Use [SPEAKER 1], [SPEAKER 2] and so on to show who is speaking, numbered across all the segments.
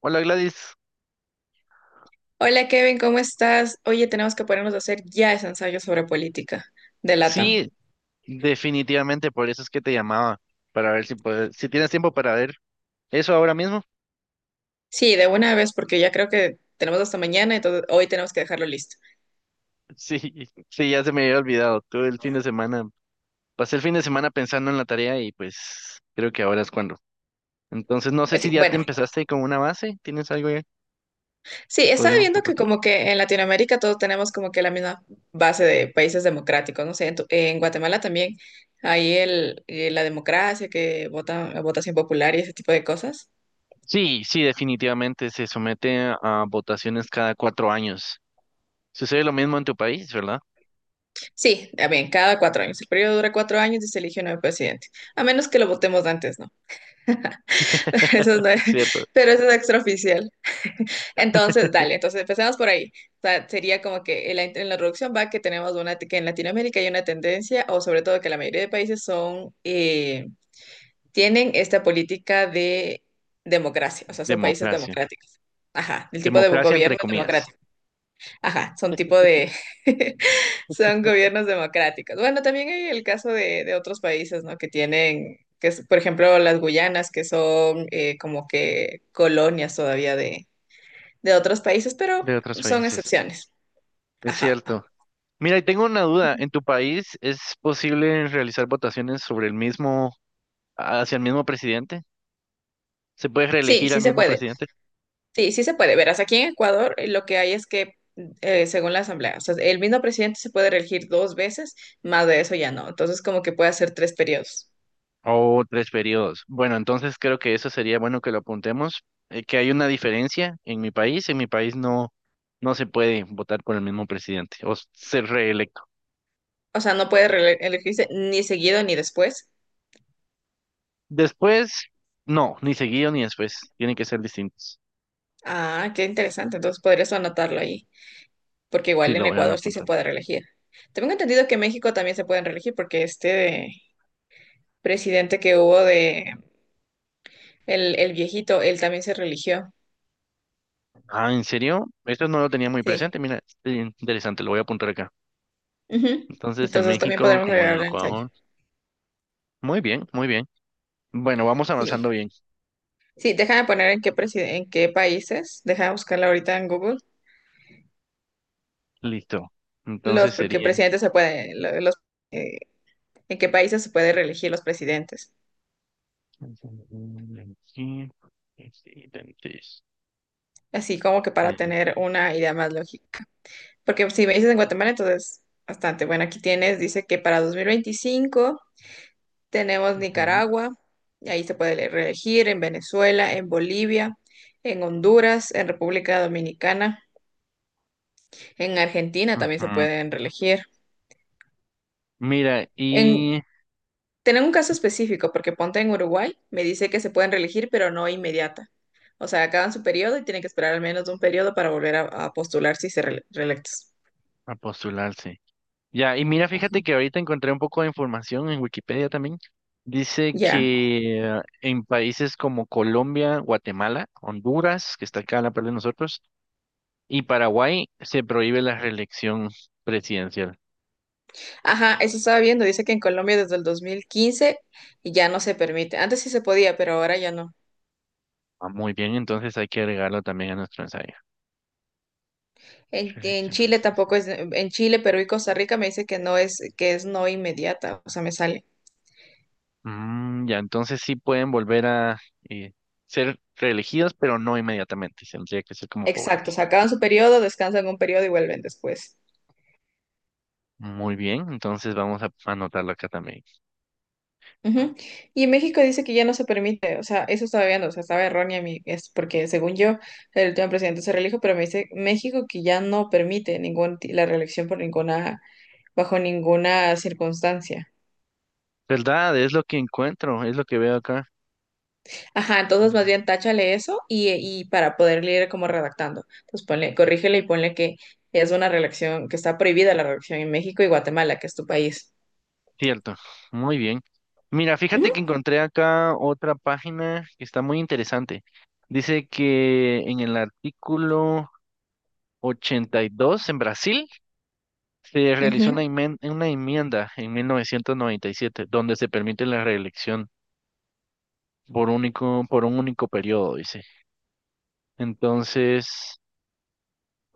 [SPEAKER 1] Hola Gladys.
[SPEAKER 2] Hola Kevin, ¿cómo estás? Oye, tenemos que ponernos a hacer ya ese ensayo sobre política de LATAM.
[SPEAKER 1] Sí, definitivamente por eso es que te llamaba, para ver si tienes tiempo para ver eso ahora mismo.
[SPEAKER 2] Sí, de una vez, porque ya creo que tenemos hasta mañana, entonces hoy tenemos que dejarlo listo.
[SPEAKER 1] Sí, sí, ya se me había olvidado, todo el fin de semana, pasé el fin de semana pensando en la tarea y pues creo que ahora es cuando. Entonces no sé
[SPEAKER 2] Pues
[SPEAKER 1] si
[SPEAKER 2] sí,
[SPEAKER 1] ya te
[SPEAKER 2] bueno,
[SPEAKER 1] empezaste con una base, ¿tienes algo ya
[SPEAKER 2] sí,
[SPEAKER 1] que
[SPEAKER 2] estaba
[SPEAKER 1] podríamos
[SPEAKER 2] viendo que
[SPEAKER 1] compartir?
[SPEAKER 2] como que en Latinoamérica todos tenemos como que la misma base de países democráticos, no sé, en Guatemala también hay la democracia, que votación popular y ese tipo de cosas.
[SPEAKER 1] Sí, sí, definitivamente se somete a votaciones cada 4 años. Sucede lo mismo en tu país, ¿verdad?
[SPEAKER 2] Sí, también, cada cuatro años. El periodo dura cuatro años y se elige un nuevo presidente, a menos que lo votemos antes, ¿no? Eso no es-
[SPEAKER 1] Cierto.
[SPEAKER 2] pero eso es extraoficial. Entonces, dale, entonces empecemos por ahí. O sea, sería como que en la introducción va que tenemos una, que en Latinoamérica hay una tendencia, o sobre todo que la mayoría de países tienen esta política de democracia, o sea, son países
[SPEAKER 1] Democracia.
[SPEAKER 2] democráticos. Ajá, el tipo de
[SPEAKER 1] Democracia entre
[SPEAKER 2] gobierno es
[SPEAKER 1] comillas,
[SPEAKER 2] democrático. Ajá, son tipo de, son gobiernos democráticos. Bueno, también hay el caso de otros países, ¿no? Que tienen, que es, Por ejemplo, las Guyanas, que son como que colonias todavía de otros países, pero
[SPEAKER 1] de otros
[SPEAKER 2] son
[SPEAKER 1] países.
[SPEAKER 2] excepciones.
[SPEAKER 1] Es
[SPEAKER 2] Ajá.
[SPEAKER 1] cierto. Mira, y tengo una duda. ¿En tu país es posible realizar votaciones hacia el mismo presidente? ¿Se puede
[SPEAKER 2] Sí,
[SPEAKER 1] reelegir al
[SPEAKER 2] sí se
[SPEAKER 1] mismo
[SPEAKER 2] puede.
[SPEAKER 1] presidente?
[SPEAKER 2] Sí, sí se puede. Verás, aquí en Ecuador lo que hay es que, según la Asamblea, o sea, el mismo presidente se puede reelegir dos veces, más de eso ya no. Entonces, como que puede hacer tres periodos.
[SPEAKER 1] O 3 periodos. Bueno, entonces creo que eso sería bueno que lo apuntemos, que hay una diferencia en mi país. En mi país no, no se puede votar por el mismo presidente o ser reelecto.
[SPEAKER 2] O sea, no puede elegirse ni seguido ni después.
[SPEAKER 1] Después, no, ni seguido ni después. Tienen que ser distintos.
[SPEAKER 2] Ah, qué interesante. Entonces podrías anotarlo ahí, porque
[SPEAKER 1] Sí,
[SPEAKER 2] igual en
[SPEAKER 1] lo voy a
[SPEAKER 2] Ecuador sí se
[SPEAKER 1] apuntar.
[SPEAKER 2] puede reelegir. Tengo entendido que en México también se pueden reelegir, porque este presidente que hubo de el viejito, él también se religió.
[SPEAKER 1] Ah, ¿en serio? Esto no lo tenía muy
[SPEAKER 2] Sí.
[SPEAKER 1] presente. Mira, es interesante, lo voy a apuntar acá.
[SPEAKER 2] Ujú.
[SPEAKER 1] Entonces, en
[SPEAKER 2] Entonces también
[SPEAKER 1] México
[SPEAKER 2] podremos
[SPEAKER 1] como en
[SPEAKER 2] regalarle el ensayo.
[SPEAKER 1] Ecuador. Muy bien, muy bien. Bueno, vamos
[SPEAKER 2] Sí.
[SPEAKER 1] avanzando bien.
[SPEAKER 2] Sí, déjame poner en en qué países, déjame buscarla ahorita en Google,
[SPEAKER 1] Listo. Entonces
[SPEAKER 2] los porque
[SPEAKER 1] sería.
[SPEAKER 2] presidentes se puede, lo- los eh, en qué países se puede reelegir los presidentes. Así como que para
[SPEAKER 1] Eh,
[SPEAKER 2] tener una idea más lógica. Porque si me dices en Guatemala, entonces bastante. Bueno, aquí tienes, dice que para 2025 tenemos
[SPEAKER 1] ujú.
[SPEAKER 2] Nicaragua, y ahí se puede reelegir, en Venezuela, en Bolivia, en Honduras, en República Dominicana, en Argentina también se
[SPEAKER 1] Ajá.
[SPEAKER 2] pueden reelegir.
[SPEAKER 1] Mira,
[SPEAKER 2] En,
[SPEAKER 1] y
[SPEAKER 2] Tener un caso específico, porque ponte en Uruguay, me dice que se pueden reelegir, pero no inmediata. O sea, acaban su periodo y tienen que esperar al menos un periodo para volver a postular si se reelectos.
[SPEAKER 1] a postularse. Ya, y mira, fíjate que ahorita encontré un poco de información en Wikipedia también. Dice
[SPEAKER 2] Ya.
[SPEAKER 1] que en países como Colombia, Guatemala, Honduras, que está acá a la par de nosotros, y Paraguay se prohíbe la reelección presidencial.
[SPEAKER 2] Ajá, eso estaba viendo. Dice que en Colombia desde el 2015 ya no se permite. Antes sí se podía, pero ahora ya no.
[SPEAKER 1] Ah, muy bien, entonces hay que agregarlo también a nuestro ensayo.
[SPEAKER 2] En
[SPEAKER 1] Reelección
[SPEAKER 2] Chile
[SPEAKER 1] presidencial.
[SPEAKER 2] tampoco es, en Chile, Perú y Costa Rica me dice que no es, que es no inmediata, o sea, me sale.
[SPEAKER 1] Mm, ya, entonces sí pueden volver a eh, ser reelegidos, pero no inmediatamente. Tendría que ser como
[SPEAKER 2] Exacto, o
[SPEAKER 1] paulatina.
[SPEAKER 2] sea, acaban su periodo, descansan un periodo y vuelven después.
[SPEAKER 1] Muy bien, entonces vamos a anotarlo acá también.
[SPEAKER 2] Ujú. Y en México dice que ya no se permite, o sea, eso estaba viendo, o sea, estaba errónea mi, es porque según yo, el último presidente se reelijo, pero me dice México que ya no permite la reelección por ninguna, bajo ninguna circunstancia.
[SPEAKER 1] ¿Verdad? Es lo que encuentro, es lo que veo acá.
[SPEAKER 2] Ajá, entonces más
[SPEAKER 1] Ujú.
[SPEAKER 2] bien táchale eso y para poder leer como redactando. Entonces ponle, corrígele y ponle que es una relación, que está prohibida la relación en México y Guatemala, que es tu país.
[SPEAKER 1] Cierto, muy bien. Mira, fíjate
[SPEAKER 2] Ujú,
[SPEAKER 1] que encontré acá otra página que está muy interesante. Dice que en el artículo 82 en Brasil, se realizó
[SPEAKER 2] ujú,
[SPEAKER 1] una enmienda en 1997 donde se permite la reelección por un único periodo, dice. Entonces,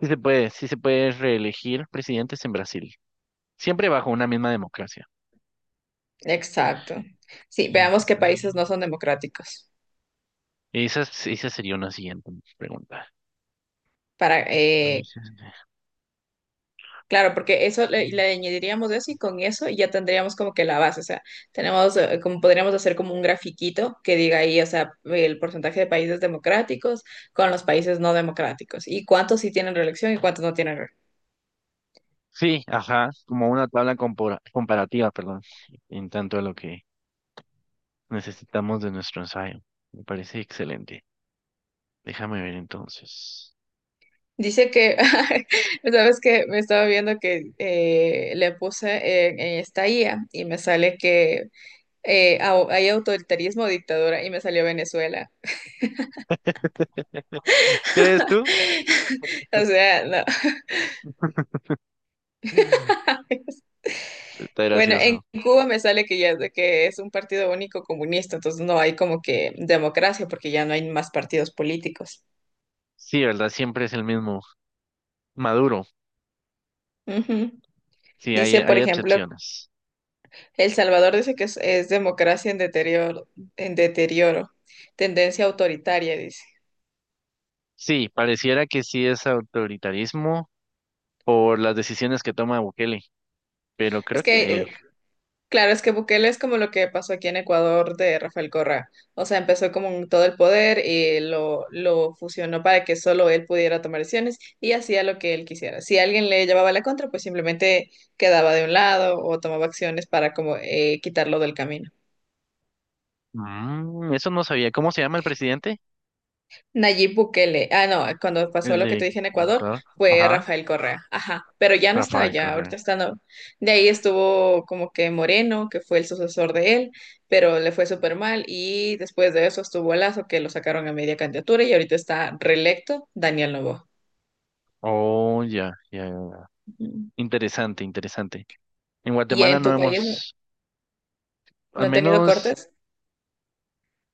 [SPEAKER 1] sí se puede reelegir presidentes en Brasil, siempre bajo una misma democracia.
[SPEAKER 2] exacto. Sí,
[SPEAKER 1] Sí, ya.
[SPEAKER 2] veamos qué países no son democráticos.
[SPEAKER 1] Esa sería una siguiente pregunta.
[SPEAKER 2] Para, eh, claro, porque eso le añadiríamos eso y con eso ya tendríamos como que la base. O sea, como podríamos hacer como un grafiquito que diga ahí, o sea, el porcentaje de países democráticos con los países no democráticos y cuántos sí tienen reelección y cuántos no tienen.
[SPEAKER 1] Sí, ajá, como una tabla comparativa, perdón, en tanto a lo que necesitamos de nuestro ensayo. Me parece excelente. Déjame ver entonces.
[SPEAKER 2] Dice que, sabes que me estaba viendo que le puse en esta IA y me sale que hay autoritarismo, dictadura y me salió Venezuela.
[SPEAKER 1] ¿Crees tú?
[SPEAKER 2] O sea, no.
[SPEAKER 1] Está
[SPEAKER 2] Bueno, en
[SPEAKER 1] gracioso.
[SPEAKER 2] Cuba me sale que ya es de que es un partido único comunista, entonces no hay como que democracia porque ya no hay más partidos políticos.
[SPEAKER 1] Sí, ¿verdad? Siempre es el mismo. Maduro.
[SPEAKER 2] Ujú.
[SPEAKER 1] Sí, hay,
[SPEAKER 2] Dice, por
[SPEAKER 1] hay
[SPEAKER 2] ejemplo,
[SPEAKER 1] excepciones.
[SPEAKER 2] El Salvador dice que es democracia en deterioro, tendencia autoritaria, dice.
[SPEAKER 1] Sí, pareciera que sí es autoritarismo por las decisiones que toma Bukele, pero
[SPEAKER 2] Es
[SPEAKER 1] creo
[SPEAKER 2] que
[SPEAKER 1] que
[SPEAKER 2] Claro, es que Bukele es como lo que pasó aquí en Ecuador de Rafael Correa. O sea, empezó con todo el poder y lo fusionó para que solo él pudiera tomar decisiones y hacía lo que él quisiera. Si alguien le llevaba la contra, pues simplemente quedaba de un lado o tomaba acciones para como quitarlo del camino.
[SPEAKER 1] eso no sabía. ¿Cómo se llama el presidente?
[SPEAKER 2] Nayib Bukele. Ah, no, cuando pasó
[SPEAKER 1] El
[SPEAKER 2] lo que te
[SPEAKER 1] de
[SPEAKER 2] dije en Ecuador,
[SPEAKER 1] Ecuador.
[SPEAKER 2] fue
[SPEAKER 1] Ajá.
[SPEAKER 2] Rafael Correa. Ajá, pero ya no está
[SPEAKER 1] Rafael
[SPEAKER 2] allá,
[SPEAKER 1] Correa.
[SPEAKER 2] ahorita está no. De ahí estuvo como que Moreno, que fue el sucesor de él, pero le fue súper mal. Y después de eso estuvo Lazo, que lo sacaron a media candidatura y ahorita está reelecto Daniel Noboa.
[SPEAKER 1] Oh, ya, ya. Ya.
[SPEAKER 2] Ujú.
[SPEAKER 1] Interesante, interesante. En
[SPEAKER 2] ¿Y
[SPEAKER 1] Guatemala
[SPEAKER 2] en
[SPEAKER 1] no
[SPEAKER 2] tu país
[SPEAKER 1] hemos, al
[SPEAKER 2] no han tenido
[SPEAKER 1] menos,
[SPEAKER 2] cortes?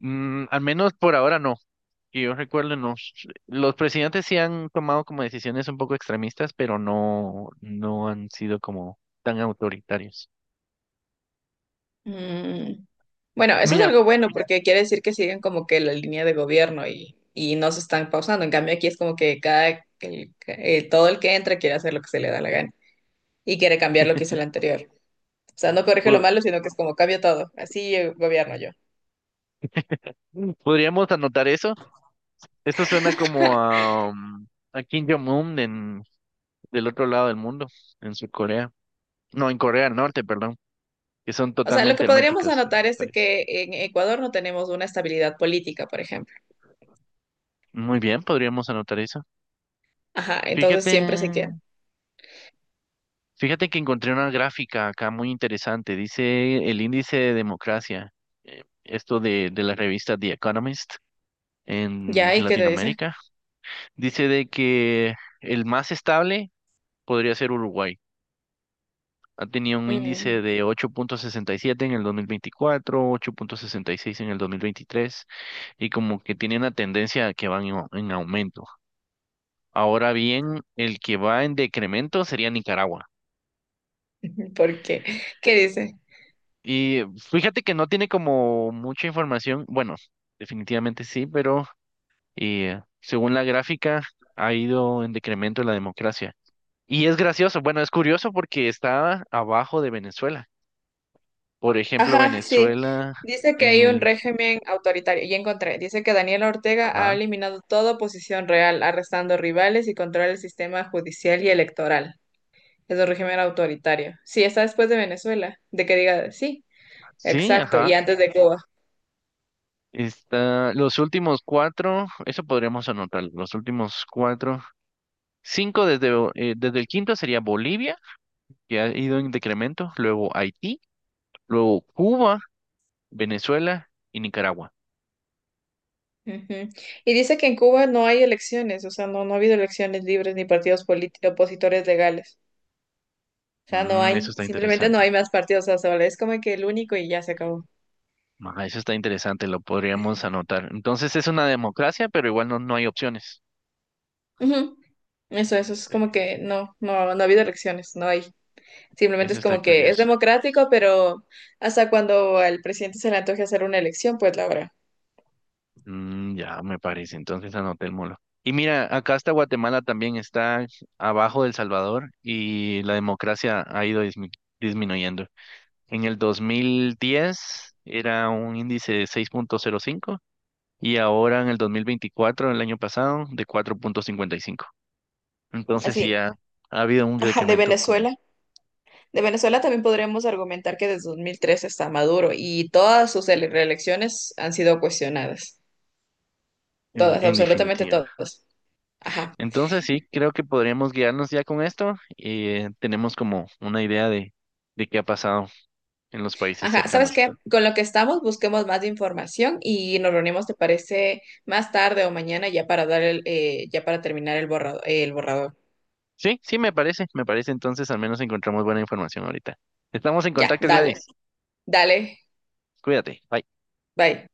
[SPEAKER 1] al menos por ahora no. Que yo recuerdo, los presidentes sí han tomado como decisiones un poco extremistas, pero no, no han sido como tan autoritarios.
[SPEAKER 2] Mm, bueno, eso es
[SPEAKER 1] Mira,
[SPEAKER 2] algo bueno porque quiere decir que siguen como que la línea de gobierno y no se están pausando. En cambio, aquí es como que todo el que entra quiere hacer lo que se le da la gana y quiere cambiar lo que hizo el anterior. O sea, no corrige lo
[SPEAKER 1] pod-
[SPEAKER 2] malo, sino que es como cambio todo. Así gobierno yo.
[SPEAKER 1] podríamos anotar eso. Esto suena como a Kim Jong-un, del otro lado del mundo, en Sur Corea. No, en Corea del Norte, perdón, que son
[SPEAKER 2] O sea, lo
[SPEAKER 1] totalmente
[SPEAKER 2] que podríamos
[SPEAKER 1] herméticas y
[SPEAKER 2] anotar es de
[SPEAKER 1] autoritarias.
[SPEAKER 2] que en Ecuador no tenemos una estabilidad política, por ejemplo.
[SPEAKER 1] Muy bien, podríamos anotar eso.
[SPEAKER 2] Ajá, entonces
[SPEAKER 1] Fíjate,
[SPEAKER 2] siempre se quiere.
[SPEAKER 1] Fíjate que encontré una gráfica acá muy interesante. Dice el índice de democracia, esto de la revista The Economist en
[SPEAKER 2] ¿Ya? ¿Y qué te dice?
[SPEAKER 1] Latinoamérica. Dice de que el más estable podría ser Uruguay. Ha tenido un índice
[SPEAKER 2] Mm,
[SPEAKER 1] de 8,67 en el 2024, 8,66 en el 2023, y como que tiene una tendencia que va en aumento. Ahora bien, el que va en decremento sería Nicaragua.
[SPEAKER 2] ¿por qué? ¿Qué dice?
[SPEAKER 1] Y fíjate que no tiene como mucha información. Bueno, definitivamente sí, pero según la gráfica ha ido en decremento la democracia. Y es gracioso, bueno, es curioso porque está abajo de Venezuela. Por ejemplo,
[SPEAKER 2] Ajá, sí.
[SPEAKER 1] Venezuela
[SPEAKER 2] Dice que
[SPEAKER 1] en
[SPEAKER 2] hay un
[SPEAKER 1] el...
[SPEAKER 2] régimen autoritario. Ya encontré. Dice que Daniela Ortega ha
[SPEAKER 1] Ajá.
[SPEAKER 2] eliminado toda oposición real, arrestando rivales y controla el sistema judicial y electoral. Es un régimen autoritario. Sí, está después de Venezuela, de que diga sí,
[SPEAKER 1] Sí,
[SPEAKER 2] exacto, y
[SPEAKER 1] ajá.
[SPEAKER 2] antes de Cuba.
[SPEAKER 1] Está los últimos cuatro, eso podríamos anotar, los últimos cuatro, cinco desde el quinto sería Bolivia, que ha ido en decremento, luego Haití, luego Cuba, Venezuela y Nicaragua.
[SPEAKER 2] Ujú. Y dice que en Cuba no hay elecciones, o sea, no ha habido elecciones libres ni partidos políticos opositores legales. O sea, no
[SPEAKER 1] Mm, eso
[SPEAKER 2] hay,
[SPEAKER 1] está
[SPEAKER 2] simplemente no
[SPEAKER 1] interesante.
[SPEAKER 2] hay más partidos, o sea, solo es como que el único y ya se acabó.
[SPEAKER 1] Ah, eso está interesante, lo podríamos anotar. Entonces es una democracia, pero igual no, no hay opciones.
[SPEAKER 2] Ujú. Eso es
[SPEAKER 1] Eh,
[SPEAKER 2] como que no ha habido elecciones, no hay. Simplemente
[SPEAKER 1] Eso
[SPEAKER 2] es
[SPEAKER 1] está
[SPEAKER 2] como que es
[SPEAKER 1] curioso.
[SPEAKER 2] democrático, pero hasta cuando al presidente se le antoje hacer una elección, pues la habrá.
[SPEAKER 1] Mm, ya me parece, entonces anotémoslo. Y mira, acá está Guatemala también, está abajo de El Salvador y la democracia ha ido disminuyendo. En el 2010 era un índice de 6,05 y ahora en el 2024, el año pasado, de 4,55. Entonces sí
[SPEAKER 2] Así,
[SPEAKER 1] ha habido un
[SPEAKER 2] ajá, de
[SPEAKER 1] decremento, como
[SPEAKER 2] Venezuela. De Venezuela también podremos argumentar que desde 2003 está Maduro y todas sus reelecciones han sido cuestionadas.
[SPEAKER 1] en,
[SPEAKER 2] Todas,
[SPEAKER 1] en
[SPEAKER 2] absolutamente
[SPEAKER 1] definitiva.
[SPEAKER 2] todas. Ajá.
[SPEAKER 1] Entonces sí, creo que podríamos guiarnos ya con esto y tenemos como una idea de qué ha pasado en los países
[SPEAKER 2] Ajá, ¿sabes
[SPEAKER 1] cercanos.
[SPEAKER 2] qué? Con lo que estamos, busquemos más información y nos reunimos, ¿te parece? Más tarde o mañana ya para dar ya para terminar el el borrador.
[SPEAKER 1] Sí, sí, me parece, me parece. Entonces al menos encontramos buena información ahorita. Estamos en
[SPEAKER 2] Ya,
[SPEAKER 1] contacto,
[SPEAKER 2] dale,
[SPEAKER 1] Gladys.
[SPEAKER 2] dale,
[SPEAKER 1] Cuídate. Bye.
[SPEAKER 2] bye.